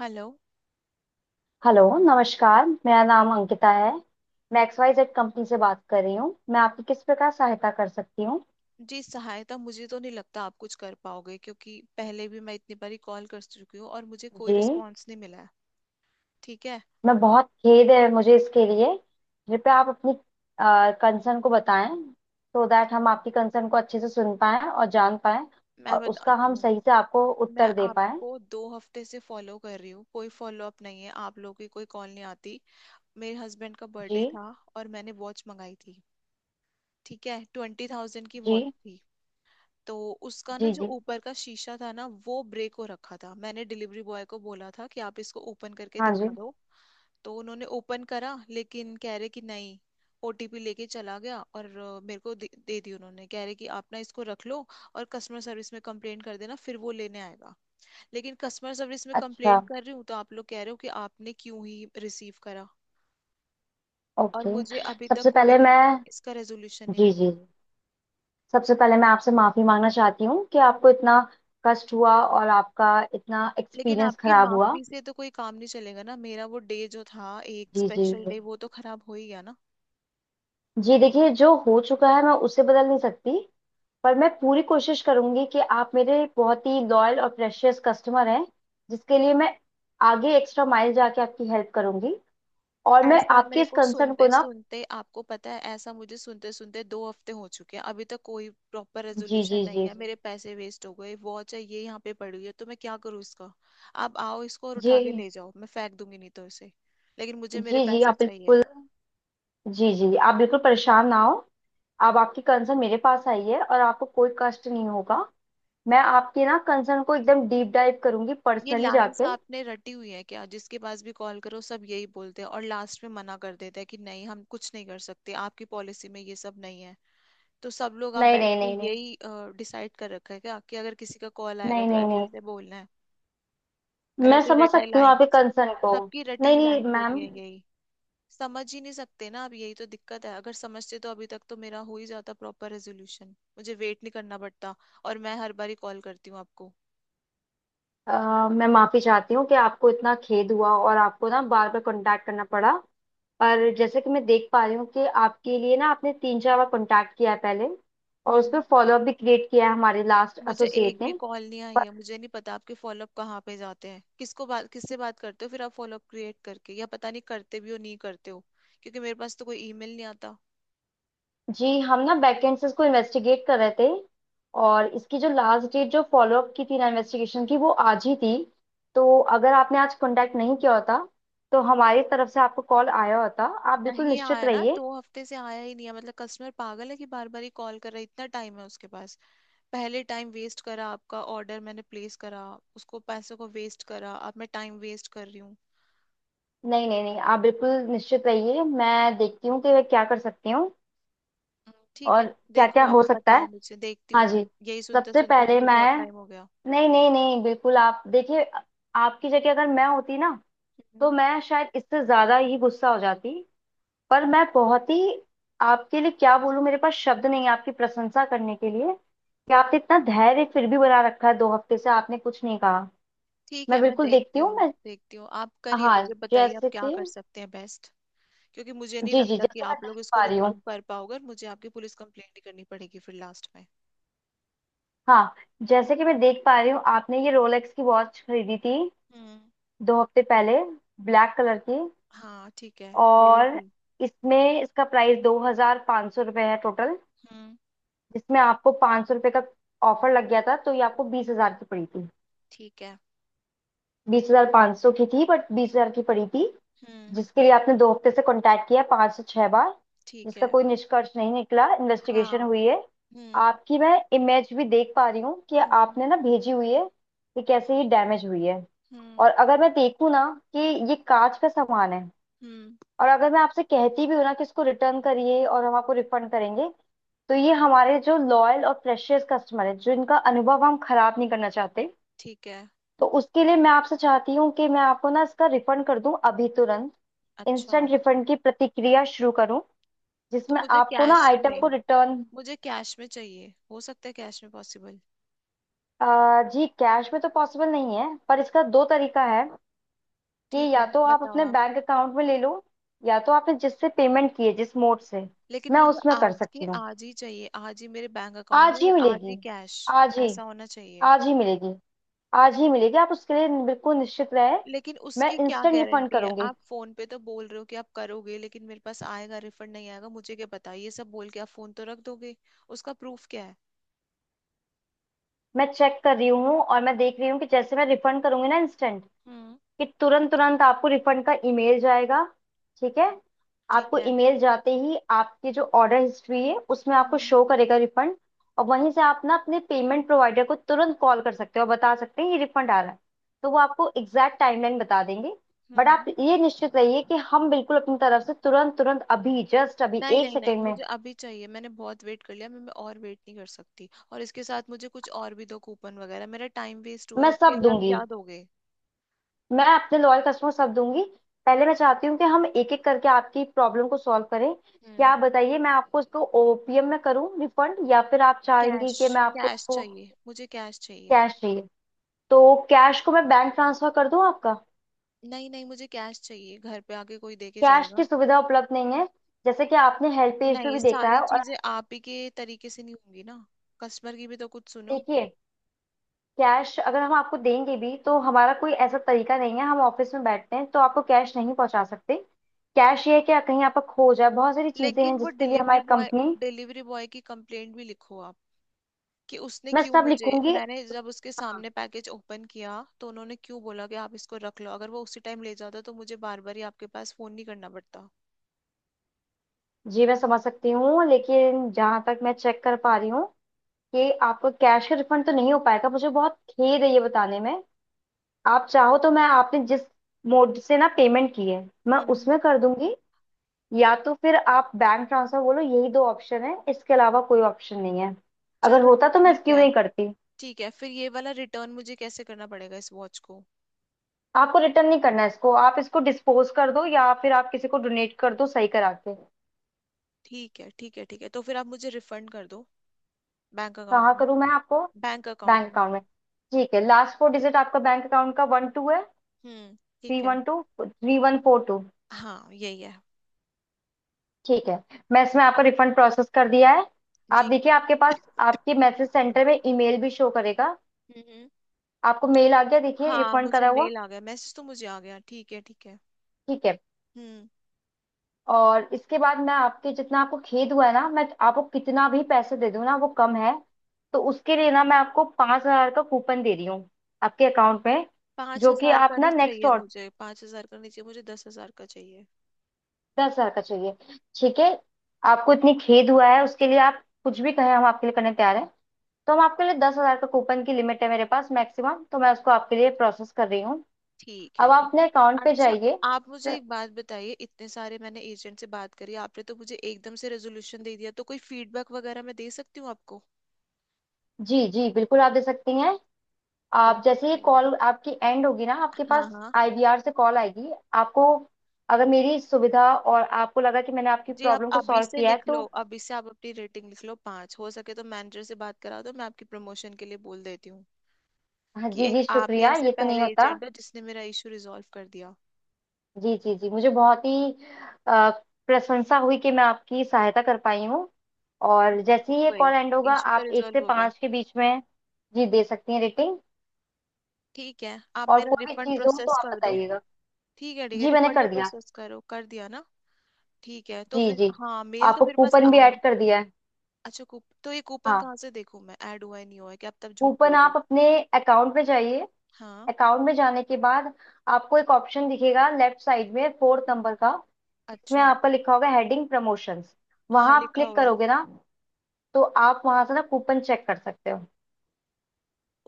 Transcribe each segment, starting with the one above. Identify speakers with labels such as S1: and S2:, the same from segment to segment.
S1: Hello.
S2: Hello नमस्कार। मेरा नाम अंकिता है। मैं XYZ कंपनी से बात कर रही हूँ, मैं आपकी किस प्रकार सहायता कर सकती हूँ?
S1: जी, सहायता मुझे तो नहीं लगता आप कुछ कर पाओगे, क्योंकि पहले भी मैं इतनी बारी कॉल कर चुकी हूँ और मुझे कोई
S2: जी।
S1: रिस्पांस नहीं मिला है। ठीक है,
S2: मैं बहुत खेद है मुझे इसके लिए। कृपया आप अपनी कंसर्न को बताएं, सो दैट हम आपकी कंसर्न को अच्छे से सुन पाएं और जान पाएं,
S1: मैं
S2: और उसका
S1: बताती
S2: हम
S1: हूँ।
S2: सही से आपको
S1: मैं
S2: उत्तर दे पाएं।
S1: आपको 2 हफ्ते से फॉलो कर रही हूँ, कोई फॉलो अप नहीं है, आप लोगों की कोई कॉल नहीं आती। मेरे हस्बैंड का
S2: जी
S1: बर्थडे था और मैंने वॉच मंगाई थी। ठीक है, 20,000 की वॉच
S2: जी
S1: थी। तो उसका ना
S2: जी
S1: जो
S2: जी।
S1: ऊपर का शीशा था ना, वो ब्रेक हो रखा था। मैंने डिलीवरी बॉय को बोला था कि आप इसको ओपन करके
S2: हाँ
S1: दिखा
S2: जी।
S1: दो। तो उन्होंने ओपन करा, लेकिन कह रहे कि नहीं। ओटीपी लेके चला गया और मेरे को दे दी उन्होंने। कह रहे कि आप ना इसको रख लो और कस्टमर सर्विस में कंप्लेंट कर देना, फिर वो लेने आएगा। लेकिन कस्टमर सर्विस में
S2: अच्छा।
S1: कंप्लेंट कर रही हूँ तो आप लोग कह रहे हो कि आपने क्यों ही रिसीव करा। और
S2: ओके।
S1: मुझे अभी तक
S2: सबसे
S1: कोई
S2: पहले मैं।
S1: इसका रेजोल्यूशन नहीं
S2: जी जी,
S1: मिला।
S2: सबसे पहले मैं आपसे माफी मांगना चाहती हूँ कि आपको इतना कष्ट हुआ और आपका इतना
S1: लेकिन
S2: एक्सपीरियंस
S1: आपकी
S2: खराब हुआ।
S1: माफी से तो कोई काम नहीं चलेगा ना। मेरा वो डे जो था, एक
S2: जी जी
S1: स्पेशल
S2: जी।
S1: डे, वो तो खराब हो ही गया ना।
S2: जी, देखिए जो हो चुका है मैं उसे बदल नहीं सकती, पर मैं पूरी कोशिश करूंगी कि आप मेरे बहुत ही लॉयल और प्रेशियस कस्टमर हैं, जिसके लिए मैं आगे एक्स्ट्रा माइल जाके आपकी हेल्प करूंगी। और मैं
S1: ऐसा
S2: आपके
S1: मेरे
S2: इस
S1: को
S2: कंसर्न को
S1: सुनते
S2: ना।
S1: सुनते, आपको पता है, ऐसा मुझे सुनते सुनते 2 हफ्ते हो चुके हैं। अभी तक कोई प्रॉपर
S2: जी
S1: रेजोल्यूशन
S2: जी
S1: नहीं
S2: जी
S1: है।
S2: जी
S1: मेरे पैसे वेस्ट हो गए। वॉच है ये, यहाँ पे पड़ी हुई है। तो मैं क्या करूँ इसका? आप आओ इसको और उठा के
S2: जी
S1: ले जाओ, मैं फेंक दूंगी नहीं तो इसे। लेकिन मुझे मेरे
S2: जी जी।
S1: पैसे
S2: आप
S1: चाहिए।
S2: बिल्कुल। जी जी, आप बिल्कुल परेशान ना हो। आप, आपकी कंसर्न मेरे पास आई है और आपको कोई कष्ट नहीं होगा। मैं आपके ना कंसर्न को एकदम डीप डाइव करूंगी
S1: ये
S2: पर्सनली
S1: लाइंस
S2: जाके।
S1: आपने रटी हुई है क्या? जिसके पास भी कॉल करो सब यही बोलते हैं और लास्ट में मना कर देते हैं कि नहीं हम कुछ नहीं कर सकते, आपकी पॉलिसी में ये सब नहीं है। तो सब लोग आप
S2: नहीं
S1: बैठ
S2: नहीं
S1: के
S2: नहीं नहीं।
S1: यही डिसाइड कर रखा है क्या, कि अगर किसी का कॉल आएगा
S2: नहीं
S1: तो
S2: नहीं
S1: ऐसे
S2: नहीं।
S1: ऐसे बोलना है?
S2: मैं
S1: रटी
S2: समझ
S1: रटाई
S2: सकती हूँ आपके
S1: लाइंस।
S2: कंसर्न को।
S1: सबकी रटी
S2: नहीं
S1: हुई
S2: नहीं,
S1: लाइंस होती
S2: मैम।
S1: है यही। समझ ही नहीं सकते ना, अब यही तो दिक्कत है। अगर समझते तो अभी तक तो मेरा हो ही जाता प्रॉपर रेजोल्यूशन, मुझे वेट नहीं करना पड़ता। और मैं हर बारी कॉल करती हूँ आपको।
S2: मैं माफी चाहती हूँ कि आपको इतना खेद हुआ और आपको ना बार बार कांटेक्ट करना पड़ा। और जैसे कि मैं देख पा रही हूँ कि आपके लिए ना आपने तीन चार बार कांटेक्ट किया है पहले, और उस
S1: हम्म।
S2: पर फॉलोअप भी क्रिएट किया है हमारे लास्ट
S1: मुझे एक
S2: एसोसिएट
S1: भी
S2: ने।
S1: कॉल नहीं आई है। मुझे नहीं पता आपके फॉलोअप कहाँ पे जाते हैं, किसको बात किससे बात करते हो फिर आप, फॉलोअप क्रिएट करके या पता नहीं करते भी हो नहीं करते हो। क्योंकि मेरे पास तो कोई ईमेल नहीं आता।
S2: जी, हम ना बैकेंड से इसको इन्वेस्टिगेट कर रहे थे, और इसकी जो लास्ट डेट जो फॉलोअप की थी ना इन्वेस्टिगेशन की, वो आज ही थी। तो अगर आपने आज कांटेक्ट नहीं किया होता, तो हमारी तरफ से आपको कॉल आया होता। आप बिल्कुल
S1: नहीं
S2: निश्चित
S1: आया ना,
S2: रहिए।
S1: 2 हफ्ते से आया ही नहीं है। मतलब कस्टमर पागल है कि बार बार ही कॉल कर रहा है, इतना टाइम है उसके पास। पहले टाइम वेस्ट करा, आपका ऑर्डर मैंने प्लेस करा, उसको पैसों को वेस्ट करा, अब मैं टाइम वेस्ट कर रही हूँ।
S2: नहीं नहीं नहीं, आप बिल्कुल निश्चित रहिए, मैं देखती हूँ कि मैं क्या कर सकती हूँ
S1: ठीक है,
S2: और क्या
S1: देखो
S2: क्या
S1: आप
S2: हो सकता
S1: बताओ,
S2: है।
S1: मुझे देखती हूँ
S2: हाँ
S1: मैं।
S2: जी।
S1: यही सुनते
S2: सबसे
S1: सुनते
S2: पहले
S1: मुझे बहुत
S2: मैं।
S1: टाइम हो गया।
S2: नहीं नहीं नहीं, बिल्कुल आप देखिए, आपकी जगह अगर मैं होती ना,
S1: हम्म।
S2: तो मैं शायद इससे ज्यादा ही गुस्सा हो जाती। पर मैं बहुत ही, आपके लिए क्या बोलूं, मेरे पास शब्द नहीं है आपकी प्रशंसा करने के लिए, कि आपने इतना धैर्य फिर भी बना रखा है, दो हफ्ते से आपने कुछ नहीं कहा।
S1: ठीक है,
S2: मैं
S1: मैं
S2: बिल्कुल देखती
S1: देखती
S2: हूँ
S1: हूँ।
S2: मैं।
S1: देखती हूँ, आप करिए,
S2: हाँ,
S1: मुझे बताइए आप
S2: जैसे
S1: क्या
S2: कि।
S1: कर सकते हैं बेस्ट। क्योंकि मुझे नहीं
S2: जी जी,
S1: लगता कि
S2: जैसे मैं
S1: आप
S2: देख
S1: लोग इसको
S2: पा रही
S1: रिजॉल्व
S2: हूँ।
S1: कर पाओगे और मुझे आपकी पुलिस कंप्लेंट ही करनी पड़ेगी फिर लास्ट में।
S2: हाँ, जैसे कि मैं देख पा रही हूँ आपने ये रोलेक्स की वॉच खरीदी थी
S1: हम्म।
S2: दो हफ्ते पहले, ब्लैक कलर की।
S1: हाँ, ठीक है। यही
S2: और
S1: थी।
S2: इसमें इसका प्राइस दो हजार पाँच सौ रुपये है टोटल,
S1: हम्म।
S2: जिसमें आपको पाँच सौ रुपये का ऑफर लग गया था, तो ये आपको बीस हजार की पड़ी थी।
S1: ठीक है।
S2: बीस हजार पाँच सौ की थी बट बीस हजार की पड़ी थी।
S1: हम्म।
S2: जिसके लिए आपने दो हफ्ते से कांटेक्ट किया पांच से छह बार,
S1: ठीक
S2: जिसका
S1: है।
S2: कोई निष्कर्ष नहीं निकला। इन्वेस्टिगेशन
S1: हाँ।
S2: हुई है।
S1: हम्म।
S2: आपकी मैं इमेज भी देख पा रही हूँ, कि
S1: हम्म।
S2: आपने ना भेजी हुई है कि कैसे ये डैमेज हुई है।
S1: हम्म।
S2: और अगर मैं देखूँ ना कि ये कांच का सामान है,
S1: हम्म।
S2: और अगर मैं आपसे कहती भी हूँ ना कि इसको रिटर्न करिए और हम आपको रिफंड करेंगे, तो ये हमारे जो लॉयल और प्रेशियस कस्टमर है, जिनका अनुभव हम खराब नहीं करना चाहते,
S1: ठीक है।
S2: तो उसके लिए मैं आपसे चाहती हूँ कि मैं आपको ना इसका रिफंड कर दूं अभी तुरंत।
S1: अच्छा।
S2: इंस्टेंट रिफंड की प्रतिक्रिया शुरू करूं,
S1: तो
S2: जिसमें
S1: मुझे
S2: आपको ना
S1: कैश
S2: आइटम को
S1: में,
S2: रिटर्न।
S1: मुझे कैश में चाहिए। हो सकता है कैश में पॉसिबल?
S2: जी कैश में तो पॉसिबल नहीं है, पर इसका दो तरीका है, कि
S1: ठीक
S2: या
S1: है,
S2: तो आप
S1: बताओ
S2: अपने
S1: आप।
S2: बैंक अकाउंट में ले लो, या तो आपने जिससे पेमेंट की है जिस मोड से,
S1: लेकिन
S2: मैं
S1: मुझे
S2: उसमें कर
S1: आज के
S2: सकती हूँ।
S1: आज ही चाहिए, आज ही मेरे बैंक अकाउंट
S2: आज
S1: में
S2: ही
S1: या आज ही
S2: मिलेगी।
S1: कैश।
S2: आज ही।
S1: ऐसा होना चाहिए।
S2: आज ही मिलेगी। आज ही मिलेगी, आप उसके लिए बिल्कुल निश्चित रहे।
S1: लेकिन
S2: मैं
S1: उसकी क्या
S2: इंस्टेंट रिफंड
S1: गारंटी है?
S2: करूंगी।
S1: आप फोन पे तो बोल रहे हो कि आप करोगे, लेकिन मेरे पास आएगा रिफंड नहीं आएगा मुझे क्या पता, ये सब बोल के आप फोन तो रख दोगे। उसका प्रूफ क्या है?
S2: मैं चेक कर रही हूँ और मैं देख रही हूँ कि जैसे मैं रिफंड करूंगी ना इंस्टेंट,
S1: हम्म।
S2: कि तुरंत तुरंत आपको रिफंड का ईमेल जाएगा। ठीक है।
S1: ठीक
S2: आपको
S1: है।
S2: ईमेल जाते ही आपकी जो ऑर्डर हिस्ट्री है उसमें आपको
S1: हम्म।
S2: शो करेगा रिफंड, और वहीं से आप ना अपने पेमेंट प्रोवाइडर को तुरंत कॉल कर सकते हो और बता सकते हैं ये रिफंड आ रहा है, तो वो आपको एग्जैक्ट टाइमलाइन बता देंगे।
S1: हम्म।
S2: बट आप
S1: हम्म।
S2: ये निश्चित रहिए कि हम बिल्कुल अपनी तरफ से तुरंत तुरंत अभी जस्ट अभी
S1: नहीं
S2: एक
S1: नहीं नहीं,
S2: सेकेंड में।
S1: मुझे अभी चाहिए। मैंने बहुत वेट कर लिया, मैं और वेट नहीं कर सकती। और इसके साथ मुझे कुछ और भी दो, कूपन वगैरह, मेरा टाइम वेस्ट हुआ है
S2: मैं
S1: उसके
S2: सब
S1: लिए आप
S2: दूंगी।
S1: क्या दोगे?
S2: मैं अपने लॉयल कस्टमर सब दूंगी। पहले मैं चाहती हूँ कि हम एक एक करके आपकी प्रॉब्लम को सॉल्व करें। क्या
S1: हम्म।
S2: आप बताइए, मैं आपको इसको ओपीएम में करूँ रिफंड, या फिर आप चाहेंगी
S1: कैश,
S2: कि मैं आपको
S1: कैश
S2: इसको।
S1: चाहिए, मुझे कैश चाहिए।
S2: कैश चाहिए? तो कैश को मैं बैंक ट्रांसफर कर दूँ आपका?
S1: नहीं नहीं, मुझे कैश चाहिए, घर पे आके कोई दे के
S2: कैश की
S1: जाएगा।
S2: सुविधा उपलब्ध नहीं है, जैसे कि आपने हेल्प पेज पे
S1: नहीं,
S2: भी देखा
S1: सारी
S2: है। और
S1: चीजें
S2: आप।
S1: आप ही के तरीके से नहीं होंगी ना, कस्टमर की भी तो कुछ सुनो।
S2: देखिए, कैश अगर हम आपको देंगे भी तो हमारा कोई ऐसा तरीका नहीं है, हम ऑफिस में बैठते हैं, तो आपको कैश नहीं पहुंचा सकते। कैश ये है कि कहीं आपका खो जाए, बहुत सारी चीजें हैं
S1: लेकिन वो
S2: जिसके लिए
S1: डिलीवरी
S2: हमारी
S1: बॉय,
S2: कंपनी।
S1: डिलीवरी बॉय की कंप्लेंट भी लिखो आप कि उसने
S2: मैं
S1: क्यों
S2: सब
S1: मुझे।
S2: लिखूंगी।
S1: मैंने जब उसके
S2: हाँ
S1: सामने पैकेज ओपन किया तो उन्होंने क्यों बोला कि आप इसको रख लो? अगर वो उसी टाइम ले जाता तो मुझे बार बार ही आपके पास फोन नहीं करना पड़ता।
S2: जी, मैं समझ सकती हूँ, लेकिन जहां तक मैं चेक कर पा रही हूँ कि आपको कैश का रिफंड तो नहीं हो पाएगा, मुझे बहुत खेद है ये बताने में। आप चाहो तो मैं आपने जिस मोड से ना पेमेंट की है, मैं
S1: हम्म।
S2: उसमें कर दूंगी। या तो फिर आप बैंक ट्रांसफर बोलो, यही दो ऑप्शन है, इसके अलावा कोई ऑप्शन नहीं है। अगर
S1: चलो,
S2: होता तो मैं
S1: ठीक
S2: इसकी
S1: है।
S2: नहीं करती।
S1: ठीक है, फिर ये वाला रिटर्न मुझे कैसे करना पड़ेगा, इस वॉच को?
S2: आपको रिटर्न नहीं करना है इसको, आप इसको डिस्पोज कर दो या फिर आप किसी को डोनेट कर दो सही करा के।
S1: ठीक है, ठीक है, ठीक है, तो फिर आप मुझे रिफंड कर दो, बैंक अकाउंट
S2: कहाँ
S1: में।
S2: करूँ मैं आपको?
S1: बैंक
S2: बैंक
S1: अकाउंट में।
S2: अकाउंट में। ठीक है, लास्ट फोर डिजिट आपका बैंक अकाउंट का वन टू है,
S1: हम्म।
S2: थ्री
S1: ठीक है,
S2: one two three one four two?
S1: हाँ यही है।
S2: ठीक है। मैं इसमें आपका रिफंड प्रोसेस कर दिया है। आप
S1: जी।
S2: देखिए आपके पास आपके मैसेज
S1: हम्म।
S2: सेंटर में ईमेल भी शो करेगा।
S1: हम्म।
S2: आपको मेल आ गया, देखिए,
S1: हाँ
S2: रिफंड
S1: मुझे
S2: करा हुआ।
S1: मेल आ गया, मैसेज तो मुझे आ गया, ठीक है, ठीक है।
S2: ठीक है।
S1: हम्म।
S2: और इसके बाद मैं आपके जितना आपको खेद हुआ है ना, मैं आपको कितना भी पैसे दे दूँ ना, वो कम है। तो उसके लिए ना मैं आपको पाँच हजार का कूपन दे रही हूँ आपके अकाउंट में,
S1: पाँच
S2: जो कि
S1: हजार
S2: आप
S1: का
S2: ना
S1: नहीं
S2: नेक्स्ट।
S1: चाहिए मुझे, 5,000 का नहीं चाहिए मुझे, 10,000 का चाहिए।
S2: दस हजार का चाहिए? ठीक है। आपको इतनी खेद हुआ है, उसके लिए आप कुछ भी कहें हम आपके लिए करने तैयार हैं। तो हम आपके लिए दस हजार का कूपन की लिमिट है मेरे पास मैक्सिमम, तो मैं उसको आपके लिए प्रोसेस कर रही हूँ।
S1: ठीक है,
S2: अब आप
S1: ठीक है।
S2: अपने अकाउंट पे
S1: अच्छा,
S2: जाइए।
S1: आप मुझे एक बात बताइए, इतने सारे मैंने एजेंट से बात करी, आपने तो मुझे एकदम से रेजोल्यूशन दे दिया। तो कोई फीडबैक वगैरह मैं दे सकती हूँ आपको?
S2: जी जी बिल्कुल, आप दे सकती हैं। आप जैसे ही
S1: ओके।
S2: कॉल आपकी एंड होगी ना, आपके
S1: हाँ
S2: पास
S1: हाँ।
S2: आईवीआर से कॉल आएगी। आपको, अगर मेरी सुविधा और आपको लगा कि मैंने आपकी
S1: जी, आप
S2: प्रॉब्लम को
S1: अभी
S2: सॉल्व
S1: से
S2: किया है,
S1: लिख
S2: तो।
S1: लो, अभी से आप अपनी रेटिंग लिख लो 5, हो सके तो मैनेजर से बात करा दो, मैं आपकी प्रमोशन के लिए बोल देती हूँ
S2: हाँ
S1: कि
S2: जी
S1: एक
S2: जी,
S1: आप ही
S2: शुक्रिया,
S1: ऐसे
S2: ये तो नहीं
S1: पहले
S2: होता।
S1: एजेंट हो जिसने मेरा इशू रिजॉल्व कर दिया।
S2: जी जी जी, मुझे बहुत ही अ, प्रशंसा हुई कि मैं आपकी सहायता कर पाई हूँ। और जैसे ही
S1: हो
S2: ये
S1: गई,
S2: कॉल एंड होगा,
S1: इशू तो
S2: आप एक से
S1: रिजॉल्व हो गया।
S2: पाँच के बीच में। जी दे सकती हैं रेटिंग।
S1: ठीक है, आप
S2: और
S1: मेरा
S2: कोई भी
S1: रिफंड
S2: चीज़ हो तो
S1: प्रोसेस
S2: आप
S1: कर दो।
S2: बताइएगा।
S1: ठीक है, ठीक है,
S2: जी मैंने
S1: रिफंड तो
S2: कर दिया।
S1: प्रोसेस करो, कर दिया ना? ठीक है, तो
S2: जी
S1: फिर
S2: जी,
S1: हाँ, मेल तो
S2: आपको
S1: मेरे पास
S2: कूपन भी
S1: आया।
S2: ऐड कर दिया है।
S1: अच्छा, कूप तो, ये कूपन
S2: हाँ,
S1: कहाँ से देखूं मैं? ऐड हुआ है नहीं हुआ है कि आप तब झूठ बोल
S2: कूपन
S1: रहे
S2: आप
S1: हो?
S2: अपने अकाउंट में जाइए,
S1: हाँ।
S2: अकाउंट में जाने के बाद आपको एक ऑप्शन दिखेगा लेफ्ट साइड में, फोर्थ
S1: हम्म,
S2: नंबर का, जिसमें
S1: अच्छा।
S2: आपका लिखा होगा हेडिंग प्रमोशंस।
S1: हाँ,
S2: वहां आप
S1: लिखा
S2: क्लिक
S1: हुआ है।
S2: करोगे ना, तो आप वहां से ना कूपन चेक कर सकते हो।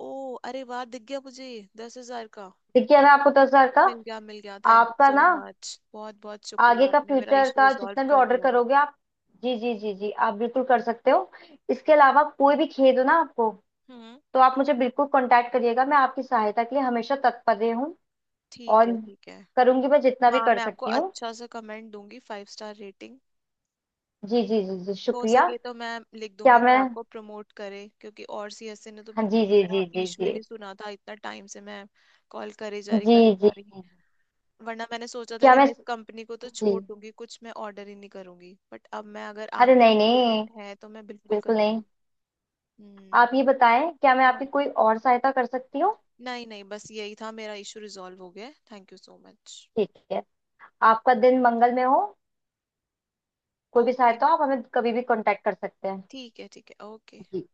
S1: ओ अरे वाह, दिख गया मुझे, 10,000 का,
S2: देखिए अनाप सर का।
S1: मिल गया, मिल गया, थैंक यू
S2: आपका
S1: सो
S2: ना
S1: मच, बहुत बहुत
S2: आगे
S1: शुक्रिया,
S2: का
S1: आपने मेरा
S2: फ्यूचर
S1: इशू
S2: का
S1: रिजॉल्व
S2: जितना भी
S1: कर
S2: ऑर्डर
S1: दिया।
S2: करोगे आप। जी जी जी जी, आप बिल्कुल कर सकते हो। इसके अलावा कोई भी खेद हो ना आपको,
S1: हम्म।
S2: तो आप मुझे बिल्कुल कांटेक्ट करिएगा, मैं आपकी सहायता के लिए हमेशा तत्पर हूँ।
S1: ठीक
S2: और
S1: है, ठीक है।
S2: करूंगी मैं जितना भी
S1: हाँ,
S2: कर
S1: मैं आपको
S2: सकती हूँ।
S1: अच्छा सा कमेंट दूंगी, 5 स्टार रेटिंग।
S2: जी जी जी जी,
S1: हो
S2: शुक्रिया।
S1: सके तो मैं लिख
S2: क्या
S1: दूंगी कि
S2: मैं।
S1: आपको प्रमोट करे, क्योंकि और सीएससी ने तो
S2: हाँ, जी
S1: बिल्कुल भी
S2: जी
S1: मेरा
S2: जी जी
S1: इशू ही
S2: जी
S1: नहीं सुना था, इतना टाइम से मैं कॉल करे जा रही,
S2: जी
S1: करे
S2: जी
S1: जा
S2: जी।
S1: रही। वरना मैंने सोचा था
S2: क्या
S1: कि
S2: मैं।
S1: मैं इस कंपनी को तो
S2: जी।
S1: छोड़ दूंगी, कुछ मैं ऑर्डर ही नहीं करूंगी, बट अब मैं, अगर
S2: अरे
S1: आप
S2: नहीं
S1: जैसे
S2: नहीं,
S1: एजेंट है तो मैं बिल्कुल
S2: बिल्कुल नहीं।
S1: करूंगी। हम्म।
S2: आप ये बताएं, क्या मैं
S1: हाँ,
S2: आपकी कोई और सहायता कर सकती हूँ?
S1: नहीं नहीं, बस यही था, मेरा इशू रिजॉल्व हो गया, थैंक यू सो मच।
S2: ठीक है। आपका दिन मंगल में हो, कोई भी
S1: ओके,
S2: सहायता हो आप हमें कभी भी कांटेक्ट कर सकते हैं।
S1: ठीक है, ठीक है, ओके।
S2: जी।